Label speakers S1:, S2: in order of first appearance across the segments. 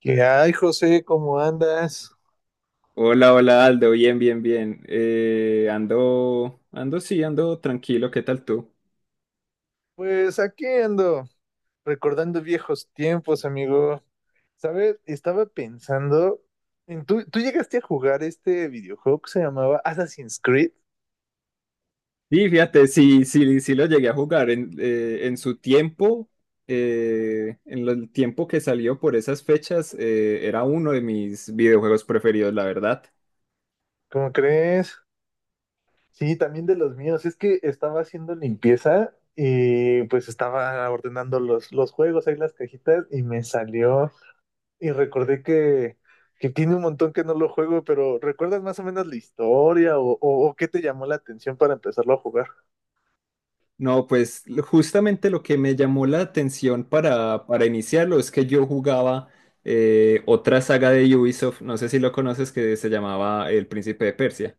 S1: ¿Qué hay, José? ¿Cómo andas?
S2: Hola, hola Aldo, bien, bien, bien. Sí, ando tranquilo, ¿qué tal tú?
S1: Pues aquí ando, recordando viejos tiempos, amigo. ¿Sabes? Estaba pensando en tú, llegaste a jugar este videojuego que se llamaba Assassin's Creed,
S2: Sí, fíjate, sí, sí, sí lo llegué a jugar en su tiempo, en el tiempo que salió por esas fechas, era uno de mis videojuegos preferidos, la verdad.
S1: ¿cómo crees? Sí, también de los míos. Es que estaba haciendo limpieza y pues estaba ordenando los juegos, ahí las cajitas y me salió. Y recordé que tiene un montón que no lo juego, pero ¿recuerdas más o menos la historia o, o qué te llamó la atención para empezarlo a jugar?
S2: No, pues justamente lo que me llamó la atención para iniciarlo es que yo jugaba otra saga de Ubisoft, no sé si lo conoces, que se llamaba El Príncipe de Persia.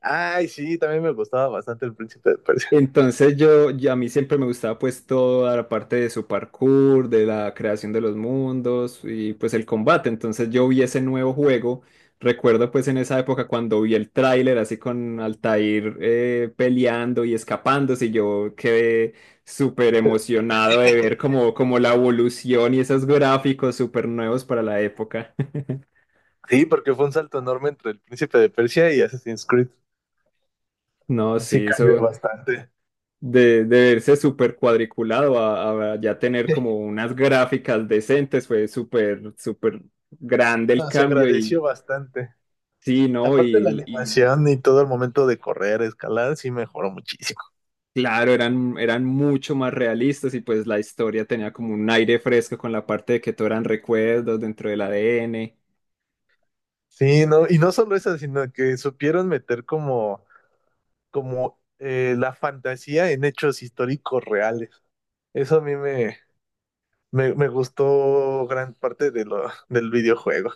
S1: Ay, sí, también me gustaba bastante el Príncipe de Persia.
S2: Entonces a mí siempre me gustaba pues toda la parte de su parkour, de la creación de los mundos y pues el combate. Entonces yo vi ese nuevo juego. Recuerdo pues en esa época cuando vi el tráiler así con Altair peleando y escapándose y yo quedé súper emocionado de ver como, como la evolución y esos gráficos súper nuevos para la época.
S1: Sí, porque fue un salto enorme entre el Príncipe de Persia y Assassin's Creed.
S2: No,
S1: Sí,
S2: sí,
S1: cambió
S2: eso.
S1: bastante.
S2: De verse súper cuadriculado a ya tener como unas gráficas decentes, fue súper, súper grande el
S1: No, se
S2: cambio
S1: agradeció
S2: y
S1: bastante.
S2: sí, ¿no?
S1: Aparte la
S2: Y
S1: animación y todo el momento de correr, escalar, sí mejoró muchísimo.
S2: claro, eran, eran mucho más realistas y pues la historia tenía como un aire fresco con la parte de que todo eran recuerdos dentro del ADN.
S1: Sí, no, y no solo eso, sino que supieron meter como la fantasía en hechos históricos reales. Eso a mí me gustó gran parte de del videojuego.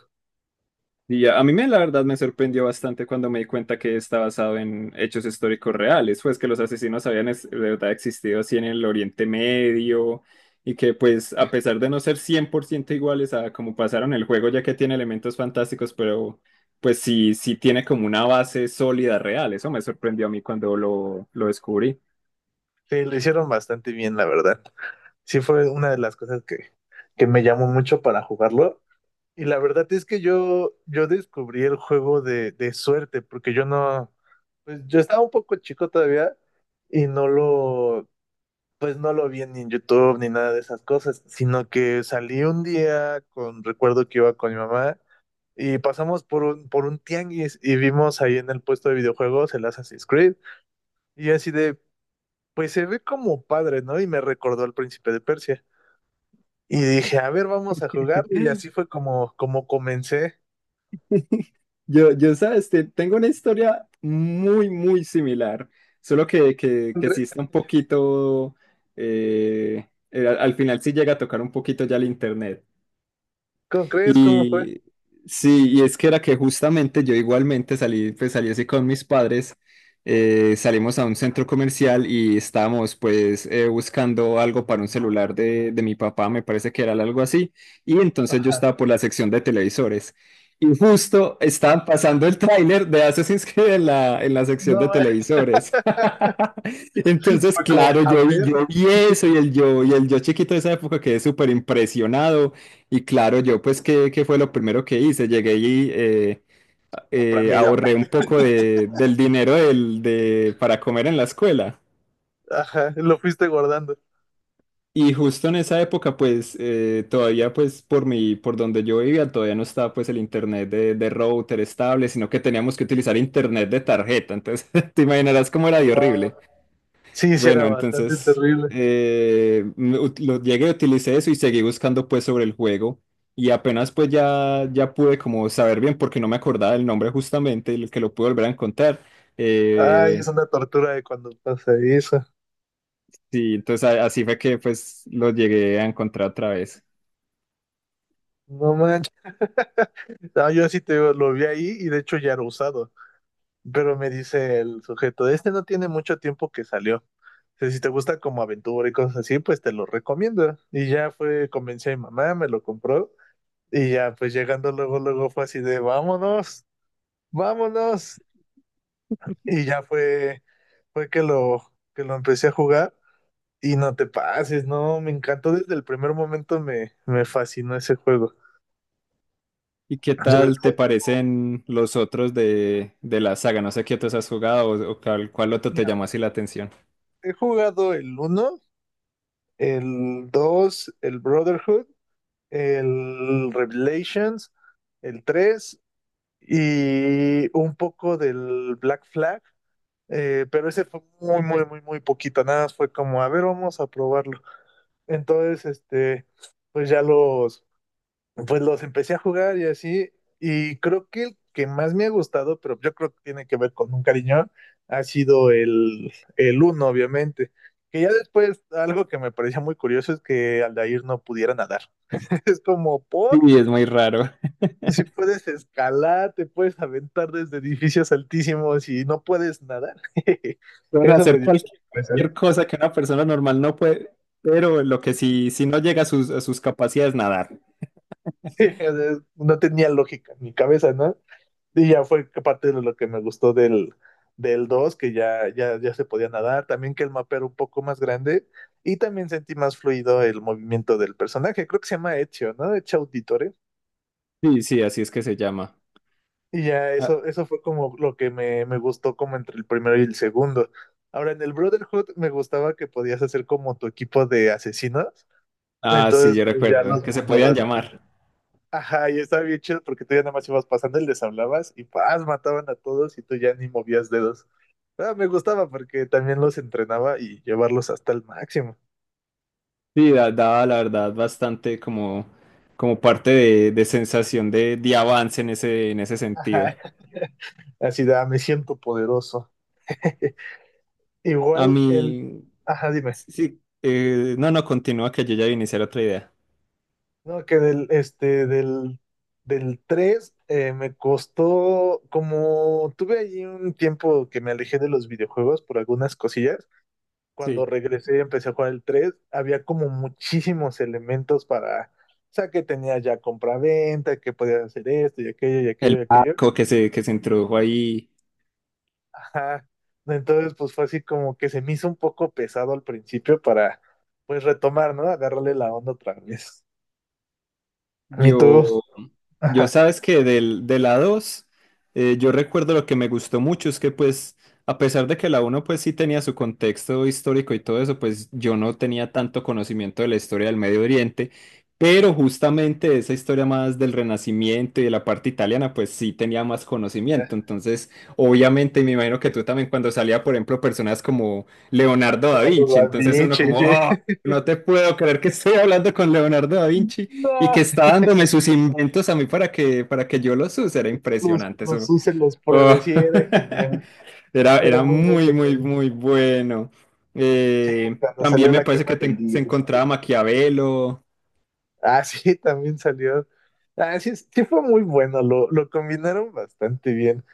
S2: Y ya, a mí me, la verdad me sorprendió bastante cuando me di cuenta que está basado en hechos históricos reales, pues que los asesinos habían de verdad existido así en el Oriente Medio y que pues a pesar de no ser 100% iguales a como pasaron el juego, ya que tiene elementos fantásticos, pero pues sí, sí tiene como una base sólida real, eso me sorprendió a mí cuando lo descubrí.
S1: Sí, lo hicieron bastante bien, la verdad. Sí fue una de las cosas que me llamó mucho para jugarlo. Y la verdad es que yo descubrí el juego de suerte, porque yo no, pues yo estaba un poco chico todavía y no lo, pues no lo vi ni en YouTube ni nada de esas cosas, sino que salí un día con, recuerdo que iba con mi mamá y pasamos por por un tianguis y vimos ahí en el puesto de videojuegos el Assassin's Creed. Y así de, pues se ve como padre, ¿no? Y me recordó al Príncipe de Persia. Y dije, a ver, vamos a jugarlo. Y así fue como comencé.
S2: Yo, sabes, tengo una historia muy, muy similar, solo que sí
S1: Cre-
S2: está un poquito, al final sí llega a tocar un poquito ya el internet.
S1: ¿Cómo crees? ¿Cómo fue?
S2: Y sí, y es que era que justamente yo igualmente salí, pues salí así con mis padres, salimos a un centro comercial y estábamos pues buscando algo para un celular de mi papá, me parece que era algo así, y entonces yo
S1: Ajá.
S2: estaba por la sección de televisores. Y justo estaban pasando el tráiler de Assassin's Creed en la
S1: No,
S2: sección de
S1: güey.
S2: televisores. Entonces,
S1: Fue como,
S2: claro,
S1: a ver,
S2: yo vi eso y el yo chiquito de esa época quedé súper impresionado. Y claro, yo pues, ¿qué, qué fue lo primero que hice? Llegué y
S1: cómpramelo.
S2: ahorré un poco de, del dinero del, de, para comer en la escuela.
S1: Ajá, lo fuiste guardando.
S2: Y justo en esa época, pues, todavía, pues, por mi, por donde yo vivía, todavía no estaba, pues, el internet de router estable, sino que teníamos que utilizar internet de tarjeta. Entonces, te imaginarás cómo era de
S1: Wow.
S2: horrible.
S1: Sí, sí, era
S2: Bueno,
S1: bastante
S2: entonces
S1: terrible.
S2: llegué, utilicé eso y seguí buscando pues sobre el juego y apenas pues ya, ya pude como saber bien porque no me acordaba el nombre justamente y lo que lo pude volver a encontrar.
S1: Ay, es
S2: Eh,
S1: una tortura de cuando pasa eso.
S2: sí, entonces así fue que pues lo llegué a encontrar otra vez.
S1: No manches. No, yo así te digo, lo vi ahí y de hecho ya era usado. Pero me dice el sujeto, este no tiene mucho tiempo que salió. Dice, si te gusta como aventura y cosas así, pues te lo recomiendo. Y ya fue, convencí a mi mamá, me lo compró. Y ya, pues llegando luego, luego fue así de, vámonos, vámonos. Y ya fue que que lo empecé a jugar. Y no te pases, no, me encantó desde el primer momento, me fascinó ese juego.
S2: ¿Y qué
S1: Sobre
S2: tal te
S1: todo,
S2: parecen los otros de la saga? No sé qué otros has jugado o cuál, cuál otro te
S1: mira,
S2: llamó así la atención.
S1: he jugado el uno, el dos, el Brotherhood, el Revelations, el 3 y un poco del Black Flag, pero ese fue muy poquito, nada más fue como, a ver, vamos a probarlo. Entonces, pues ya los, pues los empecé a jugar y así, y creo que el que más me ha gustado, pero yo creo que tiene que ver con un cariño, ha sido el uno obviamente. Que ya después, algo que me parecía muy curioso es que Aldair no pudiera nadar. Es como,
S2: Sí,
S1: ¿por?
S2: es muy raro.
S1: Si puedes escalar, te puedes aventar desde edificios altísimos y no puedes nadar.
S2: Pueden
S1: Eso me
S2: hacer
S1: dio
S2: cualquier,
S1: impresión.
S2: cualquier cosa que una persona normal no puede, pero lo que sí, sí no llega a sus capacidades nadar.
S1: Sí, o sea, no tenía lógica en mi cabeza, ¿no? Y ya fue que parte de lo que me gustó del 2, que ya se podía nadar, también que el mapa era un poco más grande y también sentí más fluido el movimiento del personaje. Creo que se llama Ezio, ¿no? Ezio Auditore.
S2: Sí, sí, así es que se llama.
S1: Y ya
S2: Ah,
S1: eso fue como lo que me gustó como entre el primero y el segundo. Ahora, en el Brotherhood me gustaba que podías hacer como tu equipo de asesinos.
S2: ah, sí,
S1: Entonces,
S2: yo
S1: pues ya
S2: recuerdo
S1: los
S2: que se podían
S1: mandabas.
S2: llamar.
S1: Ajá, y estaba bien chido porque tú ya nada más ibas pasando y les hablabas y paz, mataban a todos y tú ya ni movías dedos. Ah, me gustaba porque también los entrenaba y llevarlos hasta el máximo.
S2: Sí, daba la verdad bastante como, como parte de sensación de avance en ese sentido.
S1: Ajá. Así de, "Ah, me siento poderoso".
S2: A
S1: Igual el...
S2: mí,
S1: Ajá, dime.
S2: sí, no, no, continúa que yo ya voy a iniciar otra idea.
S1: No, que del tres, me costó, como tuve allí un tiempo que me alejé de los videojuegos por algunas cosillas,
S2: Sí.
S1: cuando regresé y empecé a jugar el 3 había como muchísimos elementos para, o sea, que tenía ya compra-venta, que podías hacer esto y aquello y
S2: El
S1: aquello y aquello.
S2: barco que se introdujo ahí,
S1: Ajá. Entonces, pues fue así como que se me hizo un poco pesado al principio para, pues, retomar, ¿no? Agarrarle la onda otra vez. ¿Y tú?
S2: yo. Yo
S1: Ajá.
S2: sabes que del, de la 2 yo recuerdo lo que me gustó mucho es que pues, a pesar de que la uno pues sí tenía su contexto histórico y todo eso, pues yo no tenía tanto conocimiento de la historia del Medio Oriente, pero justamente esa historia más del Renacimiento y de la parte italiana pues sí tenía más conocimiento. Entonces, obviamente me imagino que tú también cuando salía, por ejemplo, personas como Leonardo da
S1: Eduardo
S2: Vinci,
S1: Da
S2: entonces uno
S1: Vinci,
S2: como,
S1: sí.
S2: "Ah, no te puedo creer que estoy hablando con Leonardo da Vinci. Y
S1: No.
S2: que está dándome sus inventos a mí para que yo los use. Era impresionante
S1: Los
S2: eso".
S1: use, los
S2: Oh.
S1: pruebe, sí, era genial.
S2: Era,
S1: Era
S2: era
S1: muy, muy
S2: muy, muy,
S1: genial.
S2: muy bueno.
S1: Y cuando
S2: También
S1: salió
S2: me
S1: la
S2: parece
S1: quema
S2: que
S1: del
S2: se
S1: libro.
S2: encontraba Maquiavelo.
S1: Ah, sí, también salió. Ah, sí, sí fue muy bueno, lo combinaron bastante bien.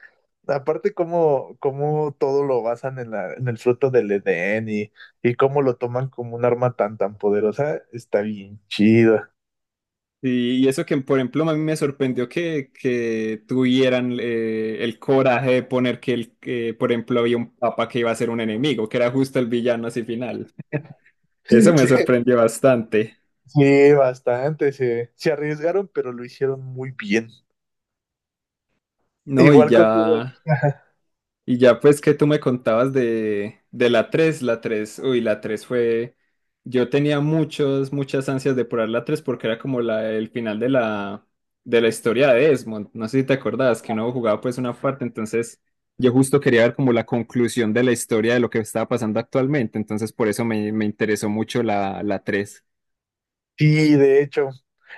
S1: Aparte, cómo todo lo basan en el fruto del Edén y cómo lo toman como un arma tan poderosa, está bien chido.
S2: Y eso que, por ejemplo, a mí me sorprendió que tuvieran el coraje de poner que, el, que, por ejemplo, había un papa que iba a ser un enemigo, que era justo el villano así final. Eso me sorprendió bastante.
S1: Sí, bastante, se arriesgaron, pero lo hicieron muy bien.
S2: No, y
S1: Igual contigo.
S2: ya.
S1: Ajá.
S2: Y ya pues que tú me contabas de la tres, la 3 uy, la 3 fue, yo tenía muchos, muchas ansias de probar la 3 porque era como la, el final de la historia de Desmond, no sé si te acordabas que uno jugaba pues una parte, entonces yo justo quería ver como la conclusión de la historia de lo que estaba pasando actualmente, entonces por eso me, me interesó mucho la, la tres.
S1: Sí, de hecho.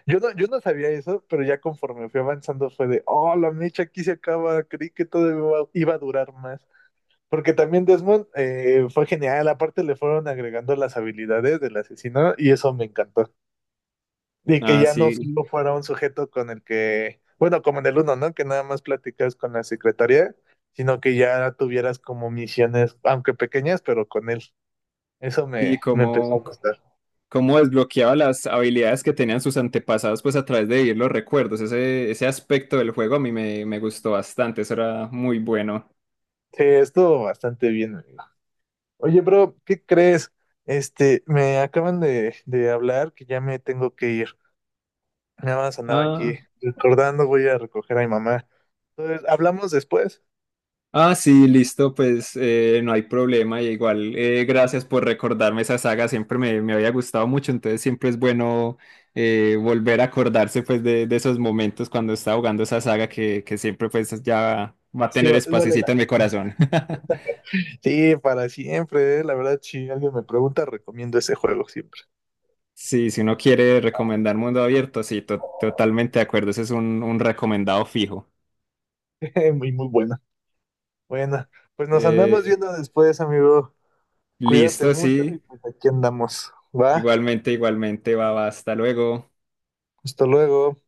S1: Yo no sabía eso, pero ya conforme fui avanzando fue de, oh, la mecha aquí se acaba, creí que todo iba a durar más. Porque también Desmond, fue genial, aparte le fueron agregando las habilidades del asesino y eso me encantó. Y que
S2: Ah,
S1: ya no
S2: sí,
S1: solo fuera un sujeto con el que, bueno, como en el uno, ¿no? Que nada más platicas con la secretaria, sino que ya tuvieras como misiones, aunque pequeñas, pero con él. Eso
S2: sí,
S1: me empezó a
S2: como,
S1: gustar.
S2: cómo desbloqueaba las habilidades que tenían sus antepasados, pues a través de vivir los recuerdos. Ese aspecto del juego a mí me, me gustó bastante, eso era muy bueno.
S1: Sí, estuvo bastante bien, amigo. Oye, bro, ¿qué crees? Este, me acaban de hablar que ya me tengo que ir. Nada más andaba aquí
S2: Ah,
S1: recordando, voy a recoger a mi mamá. Entonces, hablamos después.
S2: ah sí, listo, pues no hay problema. Y igual, gracias por recordarme esa saga, siempre me, me había gustado mucho, entonces siempre es bueno volver a acordarse pues de esos momentos cuando estaba jugando esa saga que siempre pues ya va a
S1: Sí,
S2: tener
S1: vale
S2: espacito en
S1: la
S2: mi
S1: pena.
S2: corazón.
S1: Sí, para siempre, eh. La verdad, si alguien me pregunta, recomiendo ese juego siempre.
S2: Sí, si uno quiere recomendar Mundo Abierto, sí, totalmente de acuerdo. Ese es un recomendado fijo.
S1: Muy, muy bueno. Bueno, pues nos andamos
S2: Eh,
S1: viendo después, amigo. Cuídate
S2: listo,
S1: mucho y
S2: sí.
S1: pues aquí andamos. Va,
S2: Igualmente, igualmente, va, va, hasta luego.
S1: hasta luego.